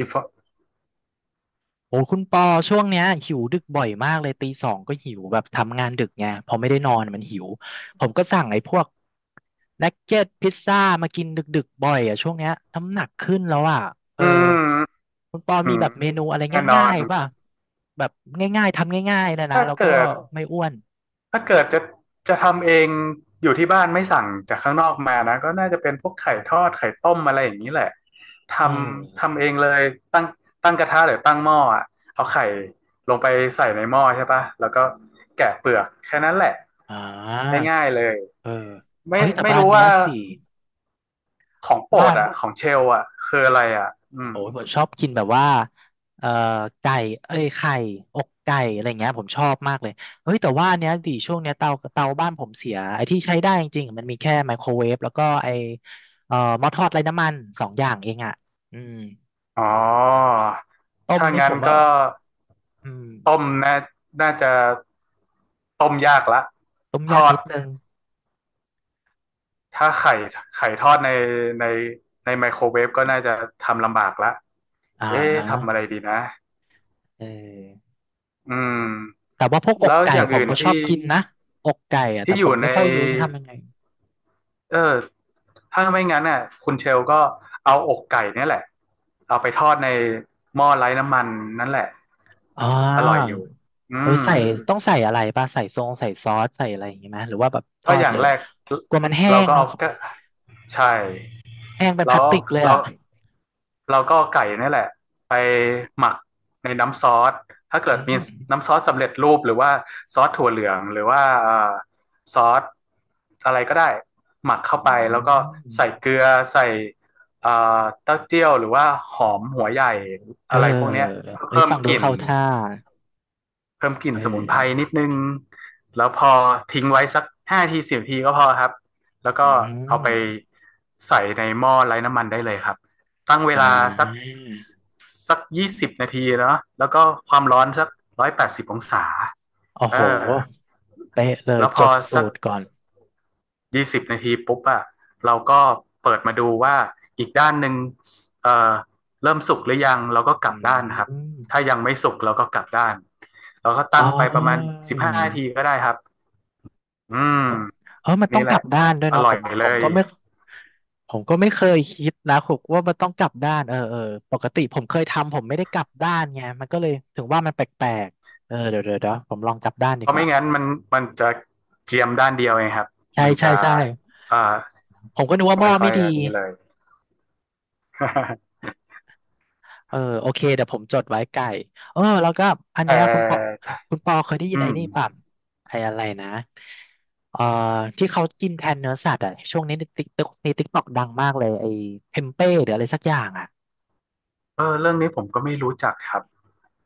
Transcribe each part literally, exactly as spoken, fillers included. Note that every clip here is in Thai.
อีฟโอ้คุณปอช่วงเนี้ยหิวดึกบ่อยมากเลยตีสองก็หิวแบบทำงานดึกไงพอไม่ได้นอนมันหิวผมก็สั่งไอ้พวกนักเก็ตพิซซ่ามากินดึกๆบ่อยอ่ะช่วงเนี้ยน้ำหนักขึ้นแล้วอ่ะเอออืมคุณปออืมีมแบบเมนูอะไรแน่นอง่าน ยๆป่ะแบบง่ายๆทำง่ายๆนะนะถ้าแล้วก็เกิดไม่อ้วนถ้าเกิดจะจะทำเอง อยู่ที่บ้านไม่สั่งจากข้างนอกมานะ ก็น่าจะเป็นพวกอืไข่ทอมด ไข่ต้มอะไรอย่างนี้แหละทเอำอทำเองเลยตั้งตั้งกระทะหรือตั้งหม้ออะเอาไข่ลงไปใส่ในหม้อใช่ปะ แล้วก็แกะเปลือก แค่นั้นแหละอ่าง่ายๆเลยเออไม่เอ้ยแต่ไม่บ้านรู้เนี้ยว่า สิของโปรบ้าดน อ่ะของเชลอ่ะคืออะไรอ่ะอืโอ้ม ยผมชอบกินแบบว่าเอ่อไก่เอ้ยไข่อกไก่อะไรเงี้ยผมชอบมากเลยเฮ้ยแต่ว่าอันเนี้ยดิช่วงเนี้ยเตาเตาบ้านผมเสียไอ้ที่ใช้ได้จริงๆมันมีแค่ไมโครเวฟแล้วก็ไอ้เอ่อหม้อทอดไร้น้ำมันสองอย่างเองอ่ะอืมอ๋อ ต้มถ้านี่ผงั้อนมว่าก็อืมต้มน่าน่าจะต้มยากละต้มทยากอดนิดนึงถ้าไข่ไข่ทอดในในในไมโครเวฟก็น่าจะทำลำบากละอ่าเอ๊ะฮะทำอะไรดีนะเอออืมแต่ว่าพวกอกแล้วไก่อย่างผมอื่นก็ชอบที่กินนะอกไก่อะแต่ที่อผยู่มไม่ในค่อยรู้จะทำยังไงเออถ้าไม่งั้นน่ะคุณเชลก็เอาอกไก่เนี่ยแหละเอาไปทอดในหม้อไร้น้ำมันนั่นแหละอ่า อร่อยอยู่อืเออม ใส่ต้องใส่อะไรป่ะใส่ทรงใส่ซอสใส่อะไรอย่างงี้ไหมหรือว่าแบบทก็ออดย่างเลยแรกกลัวมันแห้เรางก็เนาะเอาก็ใช่แห้งเป็นพเราลาสติกเลยเราอ่ะเราก็เอาไก่นี่แหละไปหมักในน้ำซอส ถ้าเกิอืดมีมน้ำซอสสำเร็จรูปหรือว่าซอสถั่วเหลืองหรือว่าเอ่อซอสอะไรก็ได้หมักเข้าอืไปแล้วก็ใส่มเกลือใส่เอ่อเต้าเจี้ยวหรือว่าหอมหัวใหญ่เอออะไรพวกเนี้ยเพื่อเอ้ยเพิ่มฟังดูกลิ่น เข้าท่าเพิ่มกลิ่นเอสมุนไพรนิอดนึง แล้วพอทิ้งไว้สักห้าทีสิบทีก็พอครับ แล้วอืก็เอามไปใส่ในหม้อไร้น้ำมันได้เลยครับ ตั้งเวอ่าลาสักสักยี่สิบนาทีเนาะแล้วก็ความร้อนสักร้อยแปดสิบองศาโอ้เอโหอเป๊ะเลยแล้วพจอดสัสูก ตรก่อนยี่สิบนาทีปุ๊บอะเราก็เปิดมาดูว่าอีกด้านหนึ่งเอ่อเริ่มสุกหรือยังเราก็กลัอืบด้านครับมถ้ายังไม่สุกเราก็กลับด้านเราก็อ๋ตั้งอ ไปประมาณสิบห้านาทีก็ได้ครับอืมเออแค่มันต้นี้องแหกละลับด้านด้วยอเนาะร่ผอยมเลผมยก็ไม่ผมก็ไม่เคยคิดนะผมว่ามันต้องกลับด้านเออเออปกติผมเคยทำผมไม่ได้กลับด้านไงมันก็เลยถึงว่ามันแปลกๆเออเดี๋ยวเดี๋ยวเดี๋ยวผมลองกลับด้านเพดีราะกไม่ว่างั้นมันมันจะเจียมด้านเดียวเองครับใช่มันใช่จะใช่อ่อผมก็นึกว่าหม้อไม่ค่อไม่ยดีอันนี้เลย เออโอเคเดี๋ยวผมจดไว้ไก่เออแล้วก็อั นแต่เนี้ยคุณปอคุณปอเคยได้ยิอืนไอ้ม นี่ป่ะไอ้อะไรนะเอ่อที่เขากินแทนเนื้อสัตว์อ่ะช่วงนี้ในติ๊กต็อกในติ๊กต็อกดังมากเลยไอ้เทมเป้หรืออะไรสักอย่างอ่ะ เออเรื่องนี้ผมก็ไม่รู้จักครับ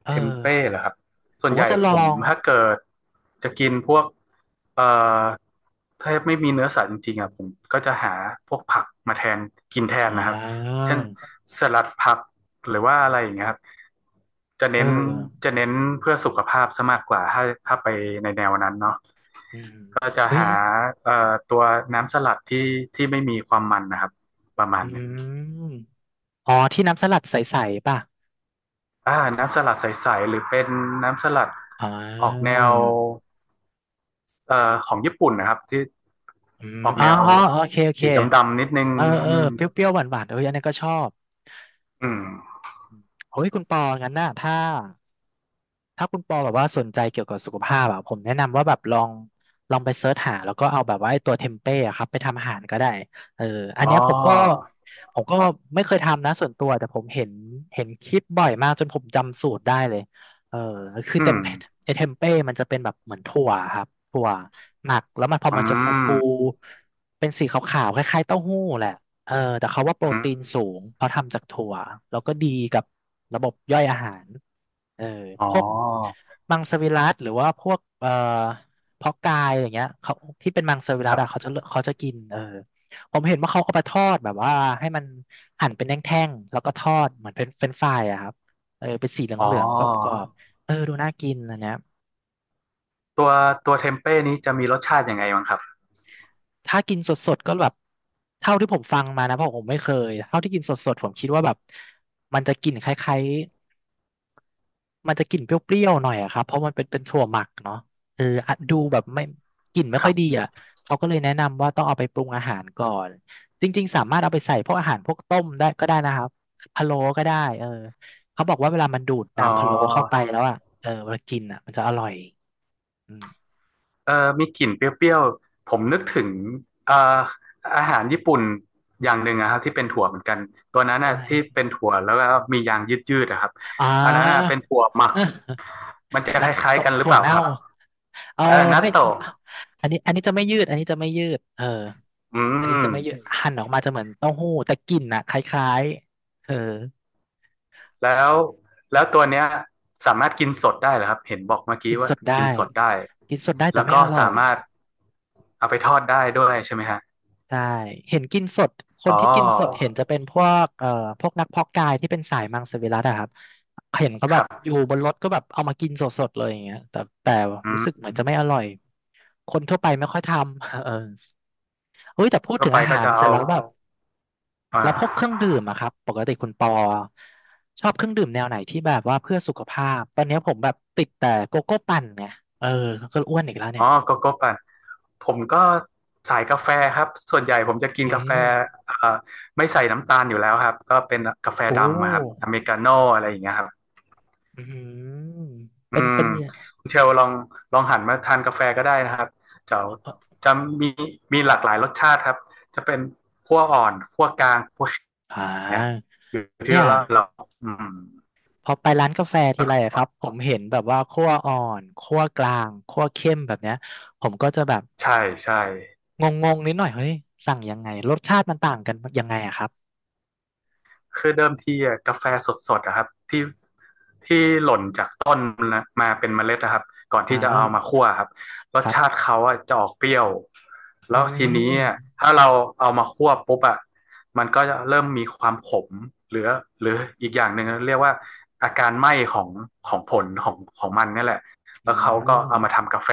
เออเทมเป้เหรอครับส่ผวนมใหว่าญ่จะลผอมง ถ้าเกิดจะกินพวกเอ่อถ้าไม่มีเนื้อสัตว์จริงๆอ่ะผมก็จะหาพวกผักมาแทนกินแทนอ่นะครับาเช่นสลัดผักหรือว่าอะไรอย่างเงี้ยครับจะเอเน้นอจะเน้นเพื่อสุขภาพซะมากกว่าถ้าถ้าไปในแนวนั้นเนาะอืมก็จะเฮ้ยหาเอ่อตัวน้ำสลัดที่ที่ไม่มีความมันนะครับประมาอืณนั้น มอ๋อที่น้ำสลัดใสๆป่ะ อ่าน้ำสลัดใสๆหรือเป็นน้ำสลัดอ่ออกแนาวเอ่อของญี่ปุ่นนะครับที่อืมออกอ๋อแนวอ๋อโอเคโอเคสีดำๆนิดนึงเออเอออืมเปรี้ยวๆหวานๆเอออันนี้ก็ชอบอืมเฮ้ย คุณปองั้นน่ะถ้า ถ้าคุณปอแบบว่าสนใจเกี่ยวกับสุขภาพอะผมแนะนำว่าแบบลองลองไปเซิร์ชหาแล้วก็เอาแบบว่าไอ้ตัวเทมเป้อะครับไปทำอาหารก็ได้เอออันอ๋อเนี้ยผมก็ผมก็ไม่เคยทำนะส่วนตัวแต่ผมเห็นเห็นคลิปบ่อยมากจนผมจำสูตรได้เลยเออคืออืเต็มมไอ้เทมเป้มันจะเป็นแบบเหมือนถั่วครับถั่วหมักแล้วมันพออืมันจะฟูฟูมเป็นสีขาวๆคล้ายๆเต้าหู้แหละเออแต่เขาว่าโปรอืมตีนสูงเพราะทำจากถั่วแล้วก็ดีกับระบบย่อยอาหาร เอออ๋อพวกมังสวิรัติหรือว่าพวกเอ่อเพาะกายอย่างเงี้ยเขาที่เป็นมังสวิครัติรัอะเขาบจะเขาจะกินเออผมเห็นว่าเขาเอาไปทอดแบบว่าให้มันหั่นเป็นแท่งๆแล้วก็ทอดเหมือนเป็นเฟรนช์ฟรายอะครับเออเป็นสีเหอ๋ลืองๆกรออบๆเออดูน่ากินอันเนี้ยตัวตัวเทมเป้นี้จะมีรสชาติยังไงบ้างครับถ้ากินสดๆก็แบบเท่าที่ผมฟังมานะเพราะผมไม่เคยเท่าที่กินสดๆผมคิดว่าแบบมันจะกลิ่นคล้ายๆ มันจะกลิ่นเปรี้ยวๆหน่อยอะครับเพราะมันเป็นเป็นถั่วหมักเนาะเอออะดูแบบไม่กลิ่นไม่คค่อรัยดีบอ่ะเขาก็เลยแนะนำว่าต้องเอาไปปรุงอาหารก่อนจริงๆสามารถเอาไปใส่พวกอาหารพวกต้มได้ก็ได้นะครับพะโล้ก็ได้เออเขาบอกว่าเวลามันดูดอ๋อ น้ำพะโล้เข้าไปแล้วอ่ะเออเวลากินอ่ะมันจะอร่อยอืมเออมีกลิ่นเปรี้ยวๆ ผมนึกถึงเอ่ออาหารญี่ปุ่นอย่างหนึ่งนะครับที่เป็นถั่วเหมือนกันตัวนั้นอะน่ะไรที่เป็นถั่วแล้วก็มียางยืดๆนะครับอ่อันนั้นน่ะา เป็นถั่วหมักมันจะ นัคกล้าตยๆกันหรือถั่เปวล่าเน่าครับเออเออนัตไม่โตะอันนี้อันนี้จะไม่ยืดอันนี้จะไม่ยืดเออ อือันนี้จะไม่เยอะมหั่นออกมาจะเหมือนเต้าหู้แต่กลิ่นน่ะคล้ายๆเออแล้วแล้วตัวเนี้ยสามารถกินสดได้เหรอครับเห็นบอกเมื่อกิกี้นสว่าดได้กินสดได้กินสดได้แต่แล้วไม่ก็อร่อสายมารถเอาไปทอดได้ด้วยใช่ไหมฮะใช่เห็นกินสดคอ๋นอที่กินสดเห็นจะเป็นพวกเอ่อพวกนักเพาะกายที่เป็นสายมังสวิรัติอะครับเห็นเขาคแบบรัอยู่บบนรถก็แบบเอามากินสดๆเลยอย่างเงี้ยแต่แต่อืรู้สึกมเหมือนจะไม่อร่อยคนทั่วไปไม่ค่อยทำ เออเฮ้ยแต่คพูนดทั่ถึวงไปอาก็หารจะเสร็จเอาแล้วแบบ อ่แล้วพวกเครื่องา ดื่มอะครับปกติคุณปอชอบเครื่องดื่มแนวไหนที่แบบว่าเพื่อสุขภาพตอนเนี้ยผมแบบติดแต่โกโก้ปั่นไงเออก็อ้วนอีกแล้วเนี่อ๋อยโกโก้ปั่นผมก็สายกาแฟครับ ส่วนใหญ่ผมจะกินเอ๊กาแฟะเอ่อไม่ใส่น้ำตาลอยู่แล้วครับ ก็เป็นกาแฟโอ้ดำอะครับอเมริกาโน่อะไรอย่างเงี้ยครับ อืมอืเป็นม เป็นคุณเชลลองลองหันมาทานกาแฟก็ได้นะครับ จะเอ่อจะมีมีหลากหลายรสชาติครับ จะเป็นคั่วอ่อนคั่วกลางคั่วอ่เนี้ยาอยู่ที่เนี่ยว่าเราอืมพอไปร้านกาแฟทีแล้วกไรอะ็ครับผมเห็นแบบว่าคั่วอ่อนคั่วกลางคั่วเข้มแบบเนี้ยผมก็จะแบบใช่ใช่ งงๆนิดหน่อยเฮ้ยสั่งยังไงรสชาติมันต่างกันยังไงอะครับคือเดิมทีอะกาแฟสดๆอะครับที่ที่หล่นจากต้นนะมาเป็นเมล็ดนะครับก่อนอ่ที่จะเอามาาคั่วครับรคสชารัติบเขาอะจะออกเปรี้ยวอืแล้วทีนี้มอะถ้าเราเอามาคั่วปุ๊บอะมันก็จะเริ่มมีความขมหรือหรืออีกอย่างหนึ่งเรียกว่าอาการไหม้ของของผลของของมันนี่แหละอืแล้วเขาก็เอามาม ทำกาแฟ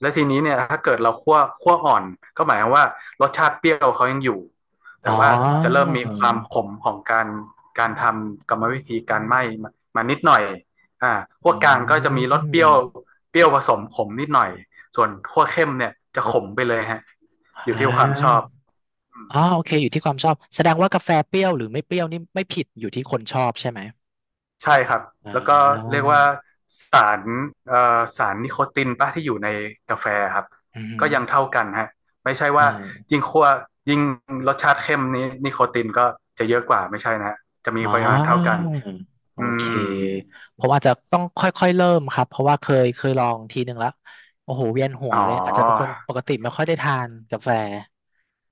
แล้วทีนี้เนี่ยถ้าเกิดเราคั่วคั่วอ่อนก็หมายความว่ารสชาติเปรี้ยวเขายังอยู่ อ๋แต่อว่าจะเริ่มมีความขมของการการทำกรรมวิธีการไหม้มานิดหน่อยอ่าขั้อืวกลางก็จะมีรสเปมรี้ยวเปรี้ยวผสมขมนิดหน่อยส่วนขั้วเข้มเนี่ยจะขมไปเลยฮะอยู่อ่ที่ความชอบาอ๋อโอเคอยู่ที่ความชอบแสดงว่ากาแฟเปรี้ยวหรือไม่เปรี้ยวนี่ไม่ผิดอยู่ที่คนชอบใช่ไหมใช่ครับอ่แล้วก็เรียกาว่าสารเอ่อสารนิโคตินปะที่อยู่ในกาแฟครับอืก็มยังเท่ากันฮะไม่ใช่เว่าออยิ่งขั้วยิ่งรสชาติเข้มนี้นิโคตินก็จะเยอะกว่าไม่ใช่นะฮะจะมีอ๋ปริมาณเท่ากัอนโออืเค ม ผมอาจจะต้องค่อยๆเริ่มครับ เพราะว่าเคยเคยลองทีหนึ่งแล้วโอ้โหเวียนหัวอ๋อเลยอาจจะเป็นคนปกติไม่ค่อยได้ทานกาแฟ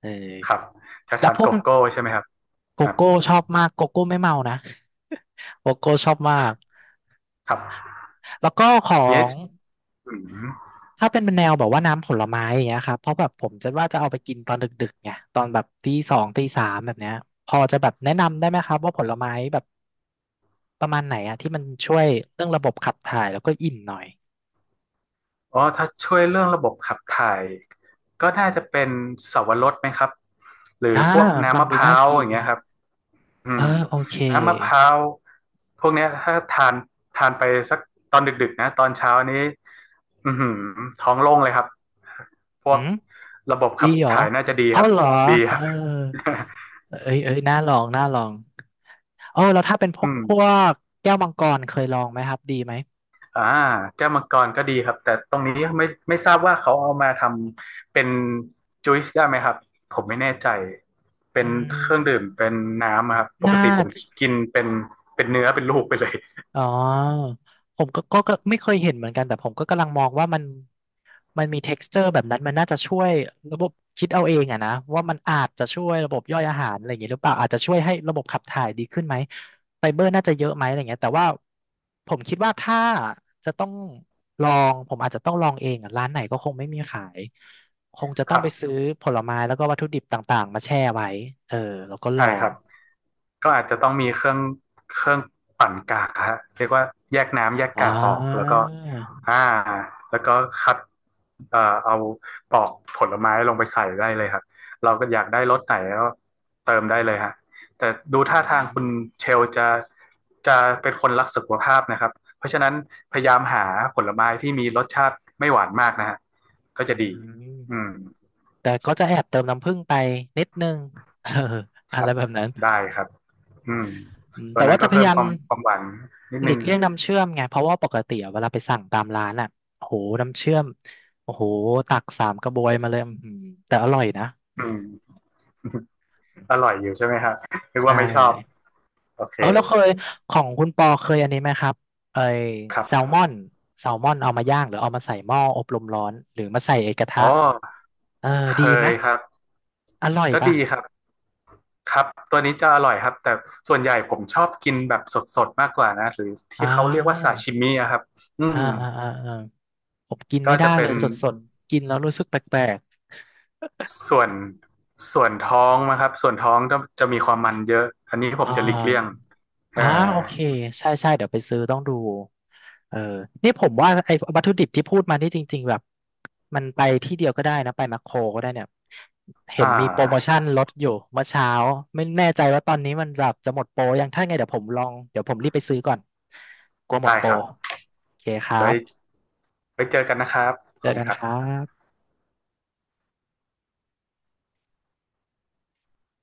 เอครับอจะแล้วทานพวโกกโก้ใช่ไหมครับโกครับโก้ชอบมากโกโก้ไม่เมานะ โกโก้ชอบมากครับแล้วก็ขออย่างเงี้ยง อืมถ้าเป็นแนวแบบว่าน้ำผลไม้อย่างเงี้ยครับเพราะแบบผมจะว่าจะเอาไปกินตอนดึกๆไงตอนแบบตีสองตีสามแบบเนี้ยพอจะแบบแนะนำได้ไหมครับว่าผลไม้แบบประมาณไหนอะที่มันช่วยเรื่องระบบขับถ่ายแล้วก็อิ่มหน่อยอ๋อถ้าช่วยเรื่องระบบขับถ่ายก็น่าจะเป็นสาวรสไหมครับหรืออ่าพวกฟัน้ำงมะดูพร้าน่าวกิอย่านงเงี้ยครับอืเออมโอเคน้ำมะพร้าวพวกเนี้ยถ้าทานทานไปสักตอนดึกๆนะตอนเช้านี้อือหือท้องโล่งเลยครับพวหืกมระบบดีขับเหรอถ่ายน่าจะดีเอาครับเหรอดีคเออรับ เอ้ยเอ้ยน่าลองน่าลองเออแล้วถ้าเป็นพวอืกม พวกแก้วมังกรเคยลองไหมครับดีไหมอ่าแก้วมังกรก็ดีครับแต่ตรงนี้ไม่ไม่ทราบว่าเขาเอามาทำเป็นจูซได้ไหมครับผมไม่แน่ใจเป็อืนมเครื่องดื่มเป็นน้ำอะครับปน่า กติผมกินเป็นเป็นเนื้อเป็นลูกไปเลยอ๋อผมก็ก็ก็ไม่เคยเห็นเหมือนกันแต่ผมก็กำลังมองว่ามันมันมี texture แบบนั้นมันน่าจะช่วยระบบคิดเอาเองอะนะว่ามันอาจจะช่วยระบบย่อยอาหารอะไรอย่างงี้หรือเปล่าอาจจะช่วยให้ระบบขับถ่ายดีขึ้นไหมไฟเบอร์น่าจะเยอะไหมอะไรเงี้ยแต่ว่าผมคิดว่าถ้าจะต้องลองผมอาจจะต้องลองเองอะร้านไหนก็คงไม่มีขายคงจะต้คองรัไปบ ซื้อผลไม้แล้วก็วัตถุดิบต่างๆมาแช่ไว้เออแล้วก็ลใช่อคงรับก็อาจจะต้องมีเครื่องเครื่องปั่นกากฮะเรียกว่าแยกน้ำแยกอ่กากออกแล้วาก็อ่าแล้วก็คัดเอ่อเอาปอกผลไม้ลงไปใส่ได้เลยครับเราก็อยากได้รสไหนก็เติมได้เลยฮะแต่ดูอืท่าทางมคุณเชลจะจะเป็นคนรักสุขภาพนะครับเพราะฉะนั้นพยายามหาผลไม้ที่มีรสชาติไม่หวานมากนะฮะก็อืจะดีม อืมแต่ก็จะแอบเติมน้ำผึ้งไปนิดนึง เออคอะรัไรบแบบนั้นได้ครับ อืมอืมตัแต่วนั้ว่านจะก็พเพิ่ยามยาคมวามความหวานนิดหลีนึงกเลี่ยงน้ำเชื่อมไงเพราะว่าปกติอะเวลาไปสั่งตามร้านอ่ะโอ้โหน้ำเชื่อมโอ้โหตักสามกระบวยมาเลยอื้อหือแต่อร่อยนะอืม อร่อยอยู่ใช่ไหมครับนึกใชว่าไม่ชอบ ่โอเคเออแล้วเคยของคุณปอเคยอันนี้ไหมครับไอครัแซลมบอนแซลมอนเอามาย่างหรือเอามาใส่หม้ออบลมร้อนหรือมาใส่ไอกระทะอ๋อเออเคดีไหมยครับอร่อยก็ป่ะดีครับครับ ตัวนี้จะอร่อยครับแต่ส่วนใหญ่ผมชอบกินแบบสดๆมากกว่านะหรืออ้าที่เขาเรียกวว่าซาชิมิอะครับอือ่ามอ่าอ่า ผมกินก็ไม่ได้จะเลเป็นย สดๆกินแล้วรู้สึกแปลกส่วนส่วนท้องนะครับส่วนท้องจะจะมีความมันเยอะ อันนี้ผๆมอ่าจะหลีกเลี่ยงเอ่อ่าอโอเคใช่ใช่เดี๋ยวไปซื้อต้องดูเออนี่ผมว่าไอ้วัตถุดิบที่พูดมานี่จริงๆแบบมันไปที่เดียวก็ได้นะไปแมคโครก็ได้เนี่ยเห็อ่นมีโปรโมาชั่นลดอยู่เมื่อเช้าไม่แน่ใจว่าตอนนี้มันแบบจะหมดโปรยังถ้าไงเดี๋ยวผมลองเดี๋ยวผมรีบไปซื้อก่อนกลัวหมได้ดโปรครับโอเคครัได้บไว้เจอกันนะครับเจขออบคุกัณนครัครับบ